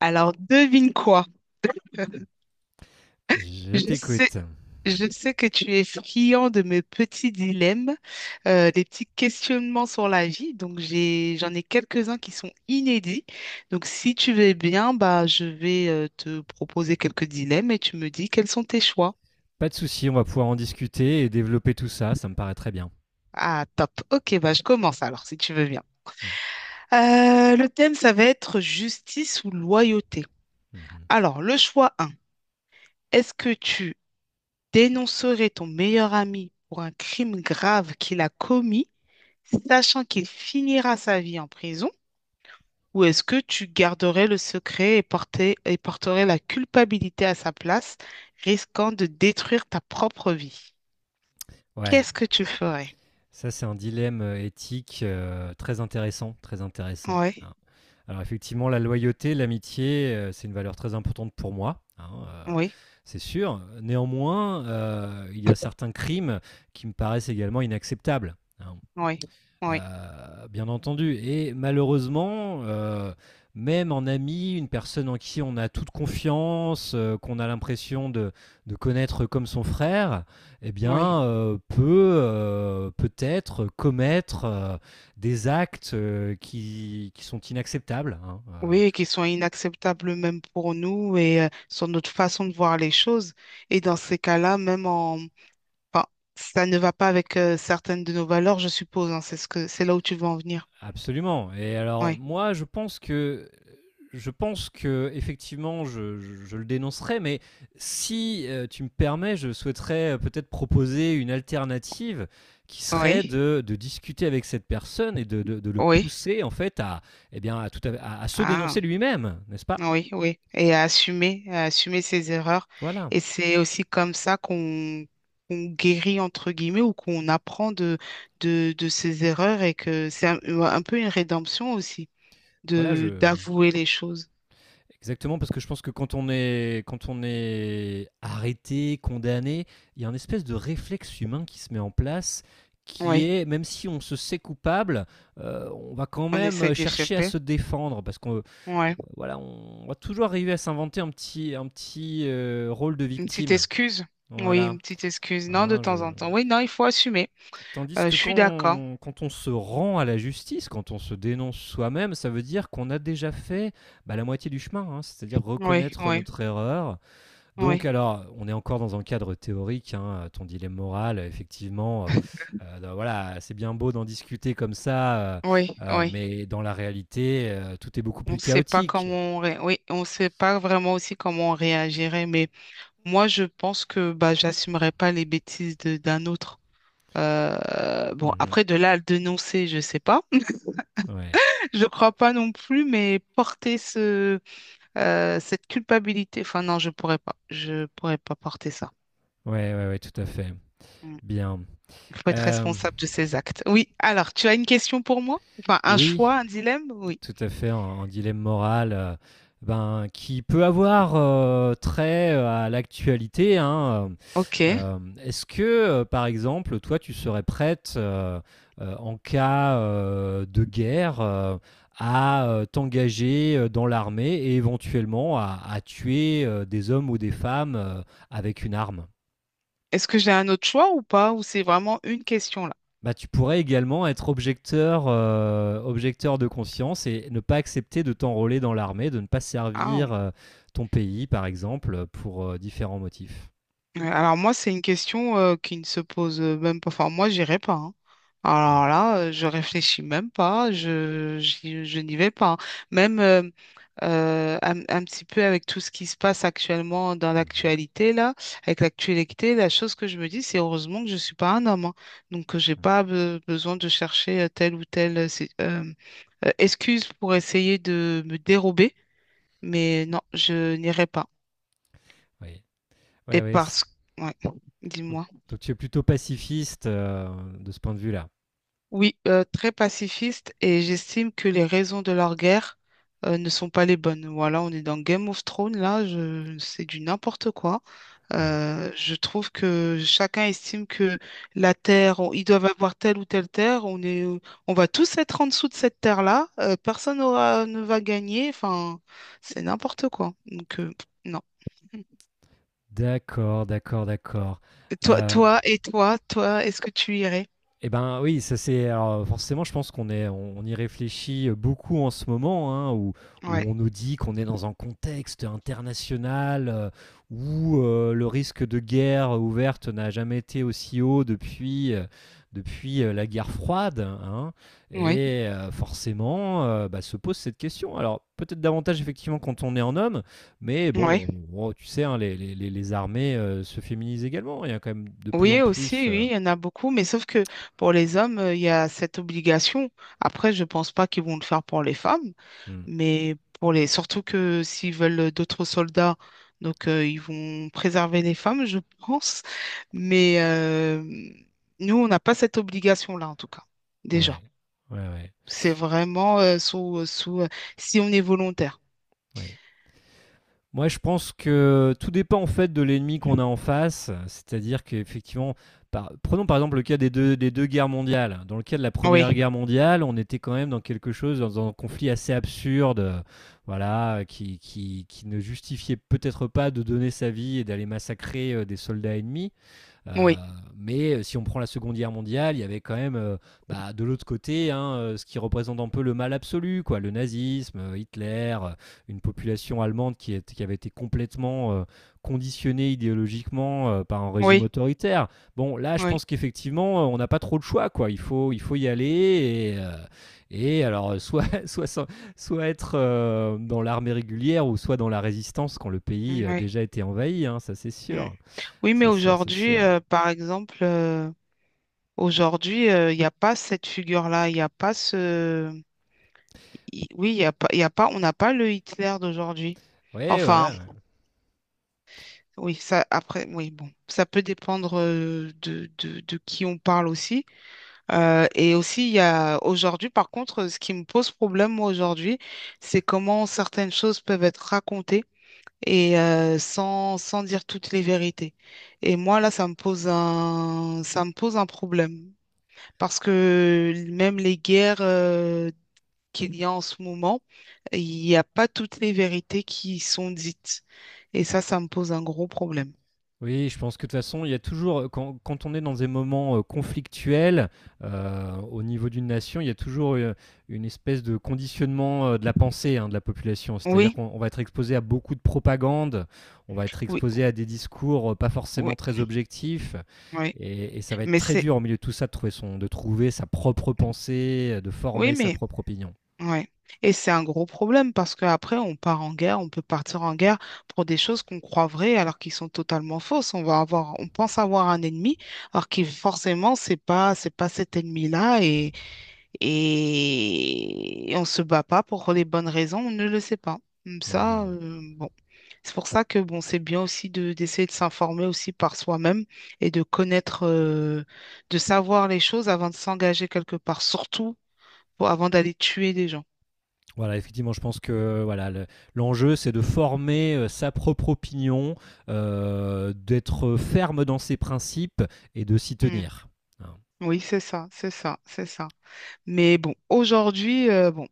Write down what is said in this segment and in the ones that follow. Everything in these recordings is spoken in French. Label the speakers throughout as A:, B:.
A: Alors, devine quoi?
B: Je
A: Je sais,
B: t'écoute.
A: je sais que tu es friand de mes petits dilemmes, des petits questionnements sur la vie. Donc, j'en ai quelques-uns qui sont inédits. Donc, si tu veux bien, bah, je vais te proposer quelques dilemmes et tu me dis quels sont tes choix.
B: Pas de souci, on va pouvoir en discuter et développer tout ça, ça me paraît très bien.
A: Ah, top. Ok, bah, je commence alors, si tu veux bien.
B: Mm.
A: Le thème, ça va être justice ou loyauté.
B: Mhm.
A: Alors, le choix un, est-ce que tu dénoncerais ton meilleur ami pour un crime grave qu'il a commis, sachant qu'il finira sa vie en prison, ou est-ce que tu garderais le secret et porterais la culpabilité à sa place, risquant de détruire ta propre vie?
B: Ouais,
A: Qu'est-ce que tu ferais?
B: ça c'est un dilemme éthique très intéressant, très intéressant.
A: Oui,
B: hein. Alors effectivement, la loyauté, l'amitié, c'est une valeur très importante pour moi, hein,
A: oui,
B: c'est sûr. Néanmoins, il y a certains crimes qui me paraissent également inacceptables, hein.
A: oui, oui,
B: Bien entendu et malheureusement, même en ami, une personne en qui on a toute confiance, qu'on a l'impression de connaître comme son frère eh
A: oui.
B: bien, peut, peut-être commettre, des actes, qui sont inacceptables, hein,
A: Oui, et qui sont inacceptables même pour nous et sur notre façon de voir les choses. Et dans ces cas-là, même en... Enfin, ça ne va pas avec certaines de nos valeurs, je suppose, hein, c'est ce que... c'est là où tu veux en venir.
B: absolument. Et alors
A: Oui,
B: moi je pense je pense que effectivement, je le dénoncerai, mais si tu me permets, je souhaiterais peut-être proposer une alternative qui serait
A: oui,
B: de discuter avec cette personne et de le
A: oui.
B: pousser en fait à, eh bien, à, tout à se
A: Ah.
B: dénoncer lui-même, n'est-ce pas.
A: Oui, oui, et à assumer ses erreurs.
B: Voilà,
A: Et c'est aussi comme ça qu'on guérit, entre guillemets, ou qu'on apprend de ses erreurs et que c'est un peu une rédemption aussi
B: voilà,
A: de
B: je,
A: d'avouer les choses.
B: Exactement, parce que je pense que quand on est arrêté, condamné, il y a un espèce de réflexe humain qui se met en place, qui
A: Oui,
B: est, même si on se sait coupable, on va quand
A: on essaie
B: même chercher à
A: d'échapper.
B: se défendre, parce qu'on
A: Ouais,
B: voilà, on va toujours arriver à s'inventer un petit rôle de
A: une petite
B: victime.
A: excuse. Oui,
B: Voilà.
A: une petite excuse. Non, de
B: Hein, je...
A: temps en temps. Oui, non, il faut assumer.
B: Tandis
A: Je
B: que
A: suis d'accord.
B: quand on se rend à la justice, quand on se dénonce soi-même, ça veut dire qu'on a déjà fait bah la moitié du chemin, hein, c'est-à-dire
A: Oui,
B: reconnaître
A: oui,
B: notre erreur, donc,
A: oui.
B: alors, on est encore dans un cadre théorique, hein, ton dilemme moral, effectivement, donc voilà, c'est bien beau d'en discuter comme ça,
A: Oui, oui.
B: mais dans la réalité, tout est beaucoup
A: On ne
B: plus
A: sait pas
B: chaotique.
A: comment on ré- Oui, on sait pas vraiment aussi comment on réagirait, mais moi, je pense que bah, j'assumerai pas les bêtises d'un autre. Bon,
B: Mhm.
A: après, de là à le dénoncer, je sais pas.
B: Ouais.
A: Je crois pas non plus, mais porter cette culpabilité, enfin non, je pourrais pas. Je pourrais pas porter ça.
B: Ouais, ouais, ouais, tout à fait.
A: Mm.
B: Bien.
A: Il faut être
B: Euh,
A: responsable de ses actes. Oui, alors, tu as une question pour moi? Enfin, un
B: oui,
A: choix, un dilemme? Oui.
B: tout à fait un dilemme moral ben, qui peut avoir trait à l'actualité, hein. euh,
A: Ok.
B: euh, Est-ce que, par exemple, toi, tu serais prête en cas de guerre à t'engager dans l'armée et éventuellement à tuer des hommes ou des femmes avec une arme?
A: Est-ce que j'ai un autre choix ou pas? Ou c'est vraiment une question là?
B: Bah, tu pourrais également être objecteur, objecteur de conscience et ne pas accepter de t'enrôler dans l'armée, de ne pas
A: Ah.
B: servir, ton pays, par exemple, pour, différents motifs.
A: Ouais, alors moi, c'est une question qui ne se pose même pas. Enfin, moi, j'irai pas, hein.
B: Mmh.
A: Alors là, je réfléchis même pas. N'y vais pas, hein. Même un petit peu avec tout ce qui se passe actuellement dans
B: Mmh mh.
A: l'actualité là, avec l'actualité, la chose que je me dis, c'est heureusement que je ne suis pas un homme, hein. Donc, j'ai
B: Mmh.
A: pas besoin de chercher telle ou telle excuse pour essayer de me dérober. Mais non, je n'irai pas.
B: Oui. Ouais,
A: Et
B: ouais, c'est
A: parce que, ouais,
B: donc
A: dis-moi.
B: donc tu es plutôt pacifiste, de ce point de vue-là?
A: Oui, très pacifiste et j'estime que les raisons de leur guerre ne sont pas les bonnes. Voilà, on est dans Game of Thrones, là, je, c'est du n'importe quoi.
B: Oui.
A: Je trouve que chacun estime que la terre, ils doivent avoir telle ou telle terre, on va tous être en dessous de cette terre-là, personne ne va gagner, enfin, c'est n'importe quoi. Donc, non.
B: D'accord, d'accord, d'accord.
A: Et toi,
B: Heu
A: toi et toi, toi, est-ce que tu irais?
B: Eh ben oui, ça c'est alors forcément, je pense qu'on est, on y réfléchit beaucoup en ce moment, hein, où, où on
A: Ouais,
B: nous dit qu'on est dans un contexte international où le risque de guerre ouverte n'a jamais été aussi haut depuis la guerre froide, hein.
A: oui,
B: Et forcément bah, se pose cette question. Alors peut-être davantage effectivement quand on est en homme, mais
A: oui.
B: bon, tu sais, hein, les armées se féminisent également, il y a quand même de plus en
A: Oui, aussi,
B: plus.
A: oui, il y en a beaucoup, mais sauf que pour les hommes, il y a cette obligation. Après, je pense pas qu'ils vont le faire pour les femmes,
B: Hmm.
A: mais surtout que s'ils veulent d'autres soldats, donc ils vont préserver les femmes, je pense. Mais nous, on n'a pas cette obligation-là, en tout cas, déjà.
B: Ouais, ouais, ouais,
A: C'est vraiment si on est volontaire.
B: ouais. Moi, je pense que tout dépend en fait de l'ennemi qu'on a en face. C'est-à-dire qu'effectivement, prenons par exemple le cas des deux guerres mondiales. Dans le cas de la
A: Oui,
B: Première Guerre mondiale, on était quand même dans quelque chose, dans un conflit assez absurde, voilà, qui ne justifiait peut-être pas de donner sa vie et d'aller massacrer des soldats ennemis. Euh,
A: oui,
B: mais si on prend la Seconde Guerre mondiale, il y avait quand même bah, de l'autre côté hein, ce qui représente un peu le mal absolu, quoi, le nazisme, Hitler, une population allemande qui qui avait été complètement conditionnée idéologiquement par un régime
A: oui,
B: autoritaire. Bon, là, je
A: oui,
B: pense qu'effectivement, on n'a pas trop de choix, quoi. Il faut y aller et alors soit être dans l'armée régulière ou soit dans la résistance quand le pays a
A: oui.
B: déjà été envahi, hein, ça c'est
A: Mm.
B: sûr,
A: Oui, mais
B: c'est sûr, c'est
A: aujourd'hui,
B: sûr.
A: par exemple, aujourd'hui, il n'y a pas cette figure-là, il n'y a pas ce... Oui, il y a pas, il y a pas, on n'a pas le Hitler d'aujourd'hui.
B: Ouais,
A: Enfin,
B: voilà.
A: oui, ça, après, oui, bon, ça peut dépendre de qui on parle aussi. Et aussi, il y a aujourd'hui, par contre, ce qui me pose problème, moi, aujourd'hui, c'est comment certaines choses peuvent être racontées et sans dire toutes les vérités. Et moi, là, ça me pose un problème. Parce que même les guerres qu'il y a en ce moment, il n'y a pas toutes les vérités qui sont dites. Et ça me pose un gros problème.
B: Oui, je pense que de toute façon, il y a toujours, quand on est dans des moments conflictuels au niveau d'une nation, il y a toujours une espèce de conditionnement de la pensée hein, de la population. C'est-à-dire
A: Oui,
B: qu'on on va être exposé à beaucoup de propagande, on va être
A: oui,
B: exposé à des discours pas forcément
A: oui,
B: très objectifs,
A: oui.
B: et ça va être
A: Mais
B: très
A: c'est,
B: dur au milieu de tout ça de trouver, son, de trouver sa propre pensée, de
A: oui,
B: former sa
A: mais,
B: propre opinion.
A: ouais. Et c'est un gros problème parce qu'après, on peut partir en guerre pour des choses qu'on croit vraies alors qu'ils sont totalement fausses. On pense avoir un ennemi alors que forcément, c'est pas cet ennemi-là. Et on se bat pas pour les bonnes raisons, on ne le sait pas. Comme ça,
B: Mhm.
A: bon, c'est pour ça que bon, c'est bien aussi de d'essayer de s'informer aussi par soi-même et de connaître, de savoir les choses avant de s'engager quelque part, surtout avant d'aller tuer des gens.
B: Voilà, effectivement, je pense que voilà, l'enjeu, c'est de former sa propre opinion, d'être ferme dans ses principes et de s'y
A: Hmm.
B: tenir. Hein.
A: Oui, c'est ça, c'est ça, c'est ça. Mais bon, aujourd'hui, euh, bon,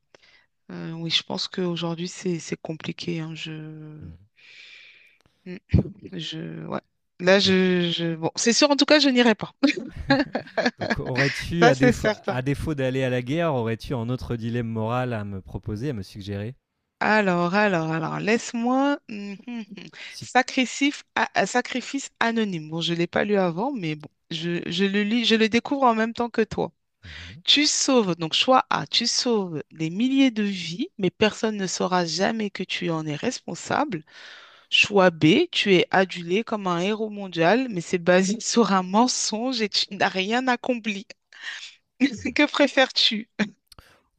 A: euh, oui, je pense qu'aujourd'hui, c'est compliqué, hein, je,
B: Mm.
A: hmm,
B: Bien.
A: je, ouais. Là,
B: Donc,
A: je, bon, c'est sûr, en tout cas, je n'irai pas.
B: donc aurais-tu,
A: Ça, c'est
B: à
A: certain.
B: défaut d'aller à la guerre, aurais-tu un autre dilemme moral à me proposer, à me suggérer.
A: Alors, laisse-moi.
B: Si-
A: Sacrifice, sacrifice anonyme. Bon, je ne l'ai pas lu avant, mais bon, je le lis, je le découvre en même temps que toi.
B: Mhm.
A: Tu sauves, donc choix A, tu sauves des milliers de vies, mais personne ne saura jamais que tu en es responsable. Choix B, tu es adulé comme un héros mondial, mais c'est basé sur un mensonge et tu n'as rien accompli. Que préfères-tu?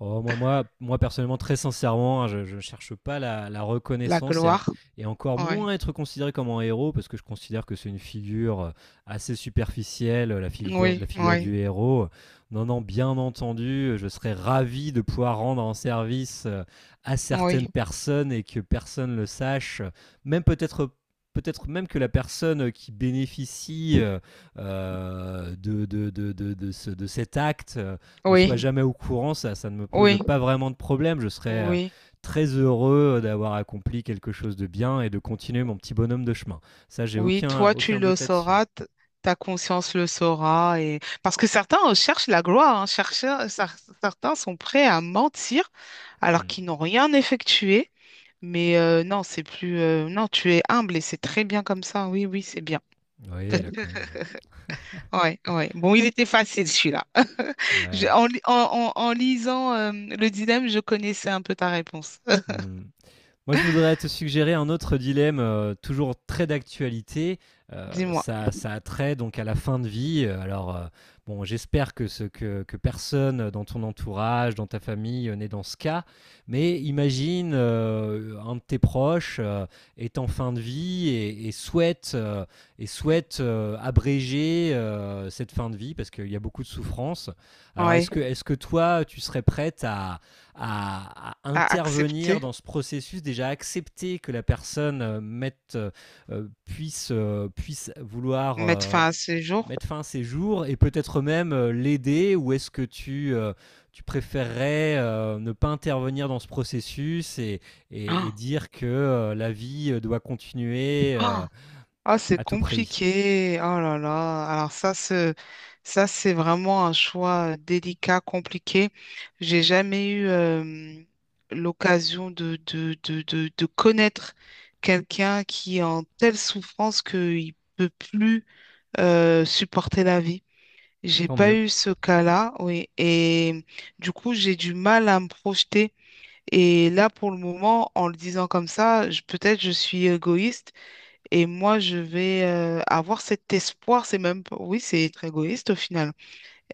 B: Oh, moi, moi, moi, personnellement, très sincèrement, hein, je ne cherche pas la
A: La
B: reconnaissance
A: gloire.
B: et encore
A: Oui,
B: moins être considéré comme un héros parce que je considère que c'est une figure assez superficielle, la
A: oui,
B: figure
A: oui,
B: du héros. Non, non, bien entendu, je serais ravi de pouvoir rendre un service à certaines
A: oui,
B: personnes et que personne le sache, même peut-être peut-être même que la personne qui bénéficie de ce- de cet acte ne soit
A: oui,
B: jamais au courant, ça ne me pose
A: oui.
B: pas vraiment de problème. Je serais
A: Oui,
B: très heureux d'avoir accompli quelque chose de bien et de continuer mon petit bonhomme de chemin. Ça, j'ai
A: oui,
B: aucun,
A: toi tu
B: aucun
A: le
B: doute là-dessus.
A: sauras, ta conscience le saura et parce que certains cherchent la gloire, hein, certains sont prêts à mentir alors
B: Hmm.
A: qu'ils n'ont rien effectué. Mais non, c'est plus non, tu es humble et c'est très bien comme ça. Oui, oui, c'est bien.
B: Oui, là, quand même.
A: Ouais, ouais. Bon, il était facile celui-là. Je-
B: Ouais.
A: En, li- en, en- en lisant le dilemme, je connaissais un peu ta réponse.
B: Hmm. Moi, je voudrais te suggérer un autre dilemme, toujours très d'actualité.
A: Dis-moi.
B: Ça, ça a trait donc à la fin de vie. Alors, bon, j'espère que que personne dans ton entourage, dans ta famille, n'est dans ce cas. Mais imagine un de tes proches est en fin de vie et, et souhaite abréger cette fin de vie parce qu'il y a beaucoup de souffrance. Alors,
A: Oui.
B: est-ce que toi, tu serais prête à
A: À
B: intervenir
A: accepter,
B: dans ce processus, déjà accepter que la personne puisse vouloir
A: mettre fin à ce jour.
B: mettre fin à ses jours et peut-être même l'aider, ou est-ce que tu préférerais ne pas intervenir dans ce processus et, et
A: Ah.
B: dire que la vie doit continuer
A: Ah. Ah, c'est
B: à tout prix.
A: compliqué. Oh là là. Alors ça, c'est vraiment un choix délicat, compliqué. J'ai jamais eu l'occasion de connaître quelqu'un qui est en telle souffrance qu'il peut plus supporter la vie. J'ai
B: Tant
A: pas
B: mieux.
A: eu ce cas-là, oui. Et du coup, j'ai du mal à me projeter. Et là, pour le moment, en le disant comme ça, peut-être je suis égoïste. Et moi, je vais avoir cet espoir, c'est même, pas- oui, c'est être égoïste au final,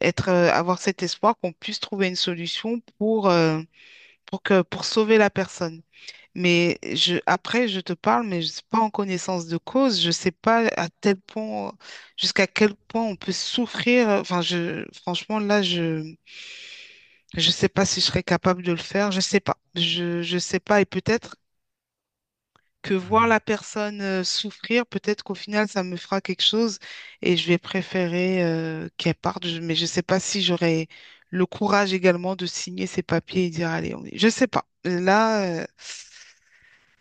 A: avoir cet espoir qu'on puisse trouver une solution pour, pour sauver la personne. Mais je, après, je te parle, mais je ne suis pas en connaissance de cause. Je ne sais pas à tel point, jusqu'à quel point on peut souffrir. Enfin, je, franchement, là, je ne sais pas si je serais capable de le faire. Je ne sais pas. Je sais pas. Et peut-être que voir la personne souffrir, peut-être qu'au final, ça me fera quelque chose et je vais préférer qu'elle parte. Mais je ne sais pas si j'aurai le courage également de signer ces papiers et dire, allez, on y... Je ne sais pas. Là,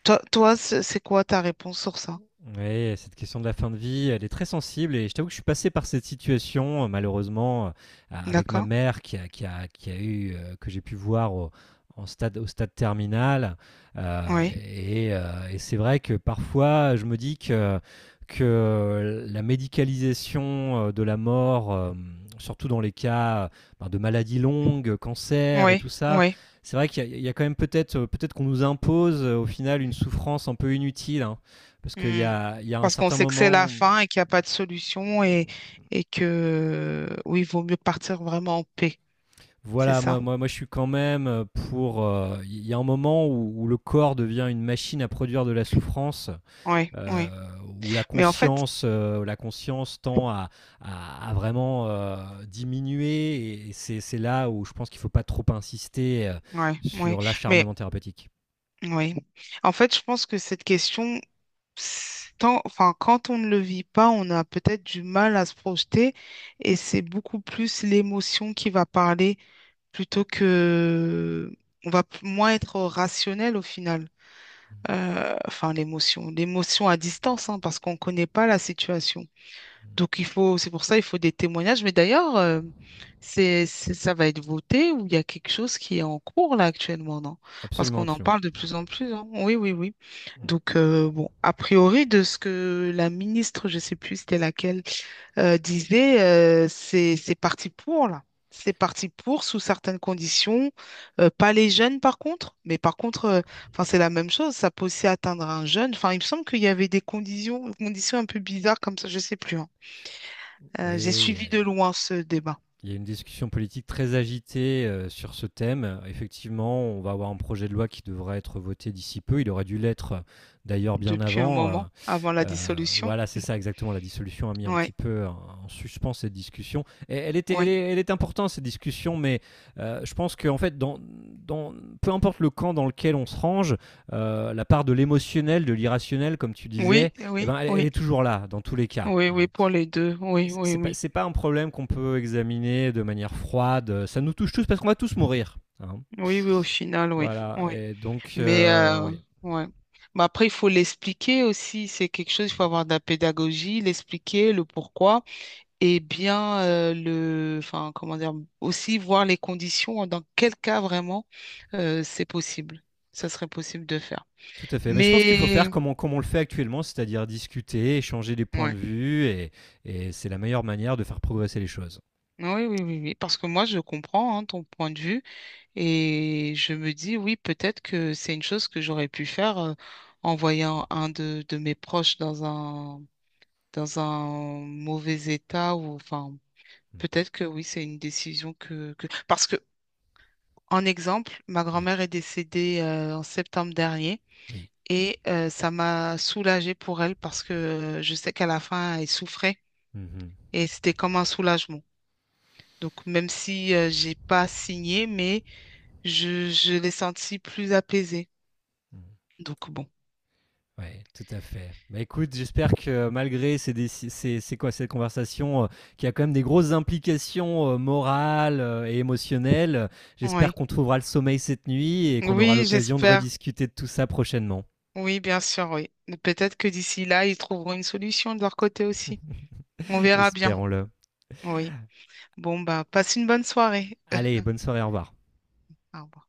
A: toi, toi, c'est quoi ta réponse sur ça?
B: Oui, cette question de la fin de vie, elle est très sensible et je t'avoue que je suis passé par cette situation, malheureusement, avec ma
A: D'accord?
B: mère qui a eu, que j'ai pu voir en stade, au stade terminal. Euh,
A: Oui,
B: et euh, et c'est vrai que parfois, je me dis que la médicalisation de la mort, surtout dans les cas ben, de maladies longues, cancer et
A: oui,
B: tout ça,
A: oui.
B: c'est vrai qu'il y, a il y a quand même peut-être peut-être qu'on nous impose au final une souffrance un peu inutile, hein. Parce qu'il y
A: Hmm.
B: a, il y a un
A: Parce qu'on
B: certain
A: sait que c'est la
B: moment,
A: fin et qu'il n'y a pas de solution et que, oui, il vaut mieux partir vraiment en paix. C'est
B: voilà,
A: ça.
B: moi, moi, moi je suis quand même pour. Il y a un moment où le corps devient une machine à produire de la souffrance,
A: Oui,
B: euh,
A: oui.
B: où
A: Mais en fait,
B: la conscience tend à, à vraiment diminuer, et c'est là où je pense qu'il ne faut pas trop insister
A: oui, oui.
B: sur
A: Mais
B: l'acharnement thérapeutique.
A: oui. En fait, je pense que cette question, c'est tant, enfin, quand on ne le vit pas, on a peut-être du mal à se projeter et c'est beaucoup plus l'émotion qui va parler plutôt que moins être rationnel au final. Enfin, l'émotion à distance, hein, parce qu'on ne connaît pas la situation. Donc il faut, c'est pour ça, il faut des témoignages. Mais d'ailleurs, ça va être voté ou il y a quelque chose qui est en cours là actuellement, non? Parce
B: Absolument,
A: qu'on en
B: absolument.
A: parle de plus en plus, hein. Oui, oui, oui. Donc bon, a priori de ce que la ministre, je sais plus c'était laquelle, disait, c'est parti pour là. C'est parti pour sous certaines conditions. Pas les jeunes par contre, mais par contre, enfin c'est la même chose. Ça peut aussi atteindre un jeune. Enfin, il me semble qu'il y avait des conditions, conditions un peu bizarres comme ça, je sais plus, hein. J'ai
B: Oui,
A: suivi de loin ce débat
B: il y a une discussion politique très agitée sur ce thème. Effectivement, on va avoir un projet de loi qui devra être voté d'ici peu. Il aurait dû l'être d'ailleurs bien
A: depuis un
B: avant.
A: moment, avant la dissolution.
B: Voilà, c'est ça exactement. La dissolution a mis un
A: Oui,
B: petit peu en, en suspens cette discussion. Et
A: oui,
B: elle est importante, cette discussion, mais je pense qu'en fait, dans, dans, peu importe le camp dans lequel on se range, la part de l'émotionnel, de l'irrationnel, comme tu
A: oui,
B: disais, eh
A: oui,
B: ben, elle, elle
A: oui,
B: est toujours là, dans tous les cas,
A: oui,
B: hein.
A: oui, pour les deux. Oui, oui,
B: C'est pas,
A: oui.
B: c'est pas un problème qu'on peut examiner de manière froide. Ça nous touche tous parce qu'on va tous mourir, hein.
A: Oui, oui, au final, oui,
B: Voilà.
A: oui.
B: Et donc,
A: Mais,
B: oui.
A: ouais. Mais après, il faut l'expliquer aussi. C'est quelque chose, il faut avoir de la pédagogie, l'expliquer, le pourquoi. Et bien, enfin, comment dire, aussi voir les conditions, hein, dans quel cas vraiment c'est possible. Ça serait possible de faire.
B: Tout à fait. Mais je pense qu'il faut
A: Mais,
B: faire comme on le fait actuellement, c'est-à-dire discuter, échanger des points de
A: ouais.
B: vue, et c'est la meilleure manière de faire progresser les choses.
A: Oui, oui, oui, oui, parce que moi, je comprends hein, ton point de vue et je me dis, oui, peut-être que c'est une chose que j'aurais pu faire en voyant un de mes proches dans un mauvais état ou enfin,
B: Mm.
A: peut-être que oui, c'est une décision que... Parce que, en exemple, ma
B: Oui,
A: grand-mère est décédée en septembre dernier
B: oui.
A: et ça m'a soulagée pour elle parce que je sais qu'à la fin, elle souffrait
B: Mhm.
A: et c'était comme un soulagement. Donc, même si j'ai pas signé, mais je l'ai senti plus apaisé.
B: Mm.
A: Donc bon,
B: Ouais, tout à fait. Bah, écoute, j'espère que malgré ces déci ces c'est quoi cette conversation, qui a quand même des grosses implications, morales, et émotionnelles, j'espère
A: oui.
B: qu'on trouvera le sommeil cette nuit et qu'on aura
A: Oui,
B: l'occasion de
A: j'espère.
B: rediscuter de tout ça prochainement.
A: Oui, bien sûr, oui. Peut-être que d'ici là, ils trouveront une solution de leur côté aussi. On verra bien.
B: Espérons-le.
A: Oui. Bon, bah, passe une bonne soirée.
B: Allez, bonne soirée, au revoir.
A: Au revoir.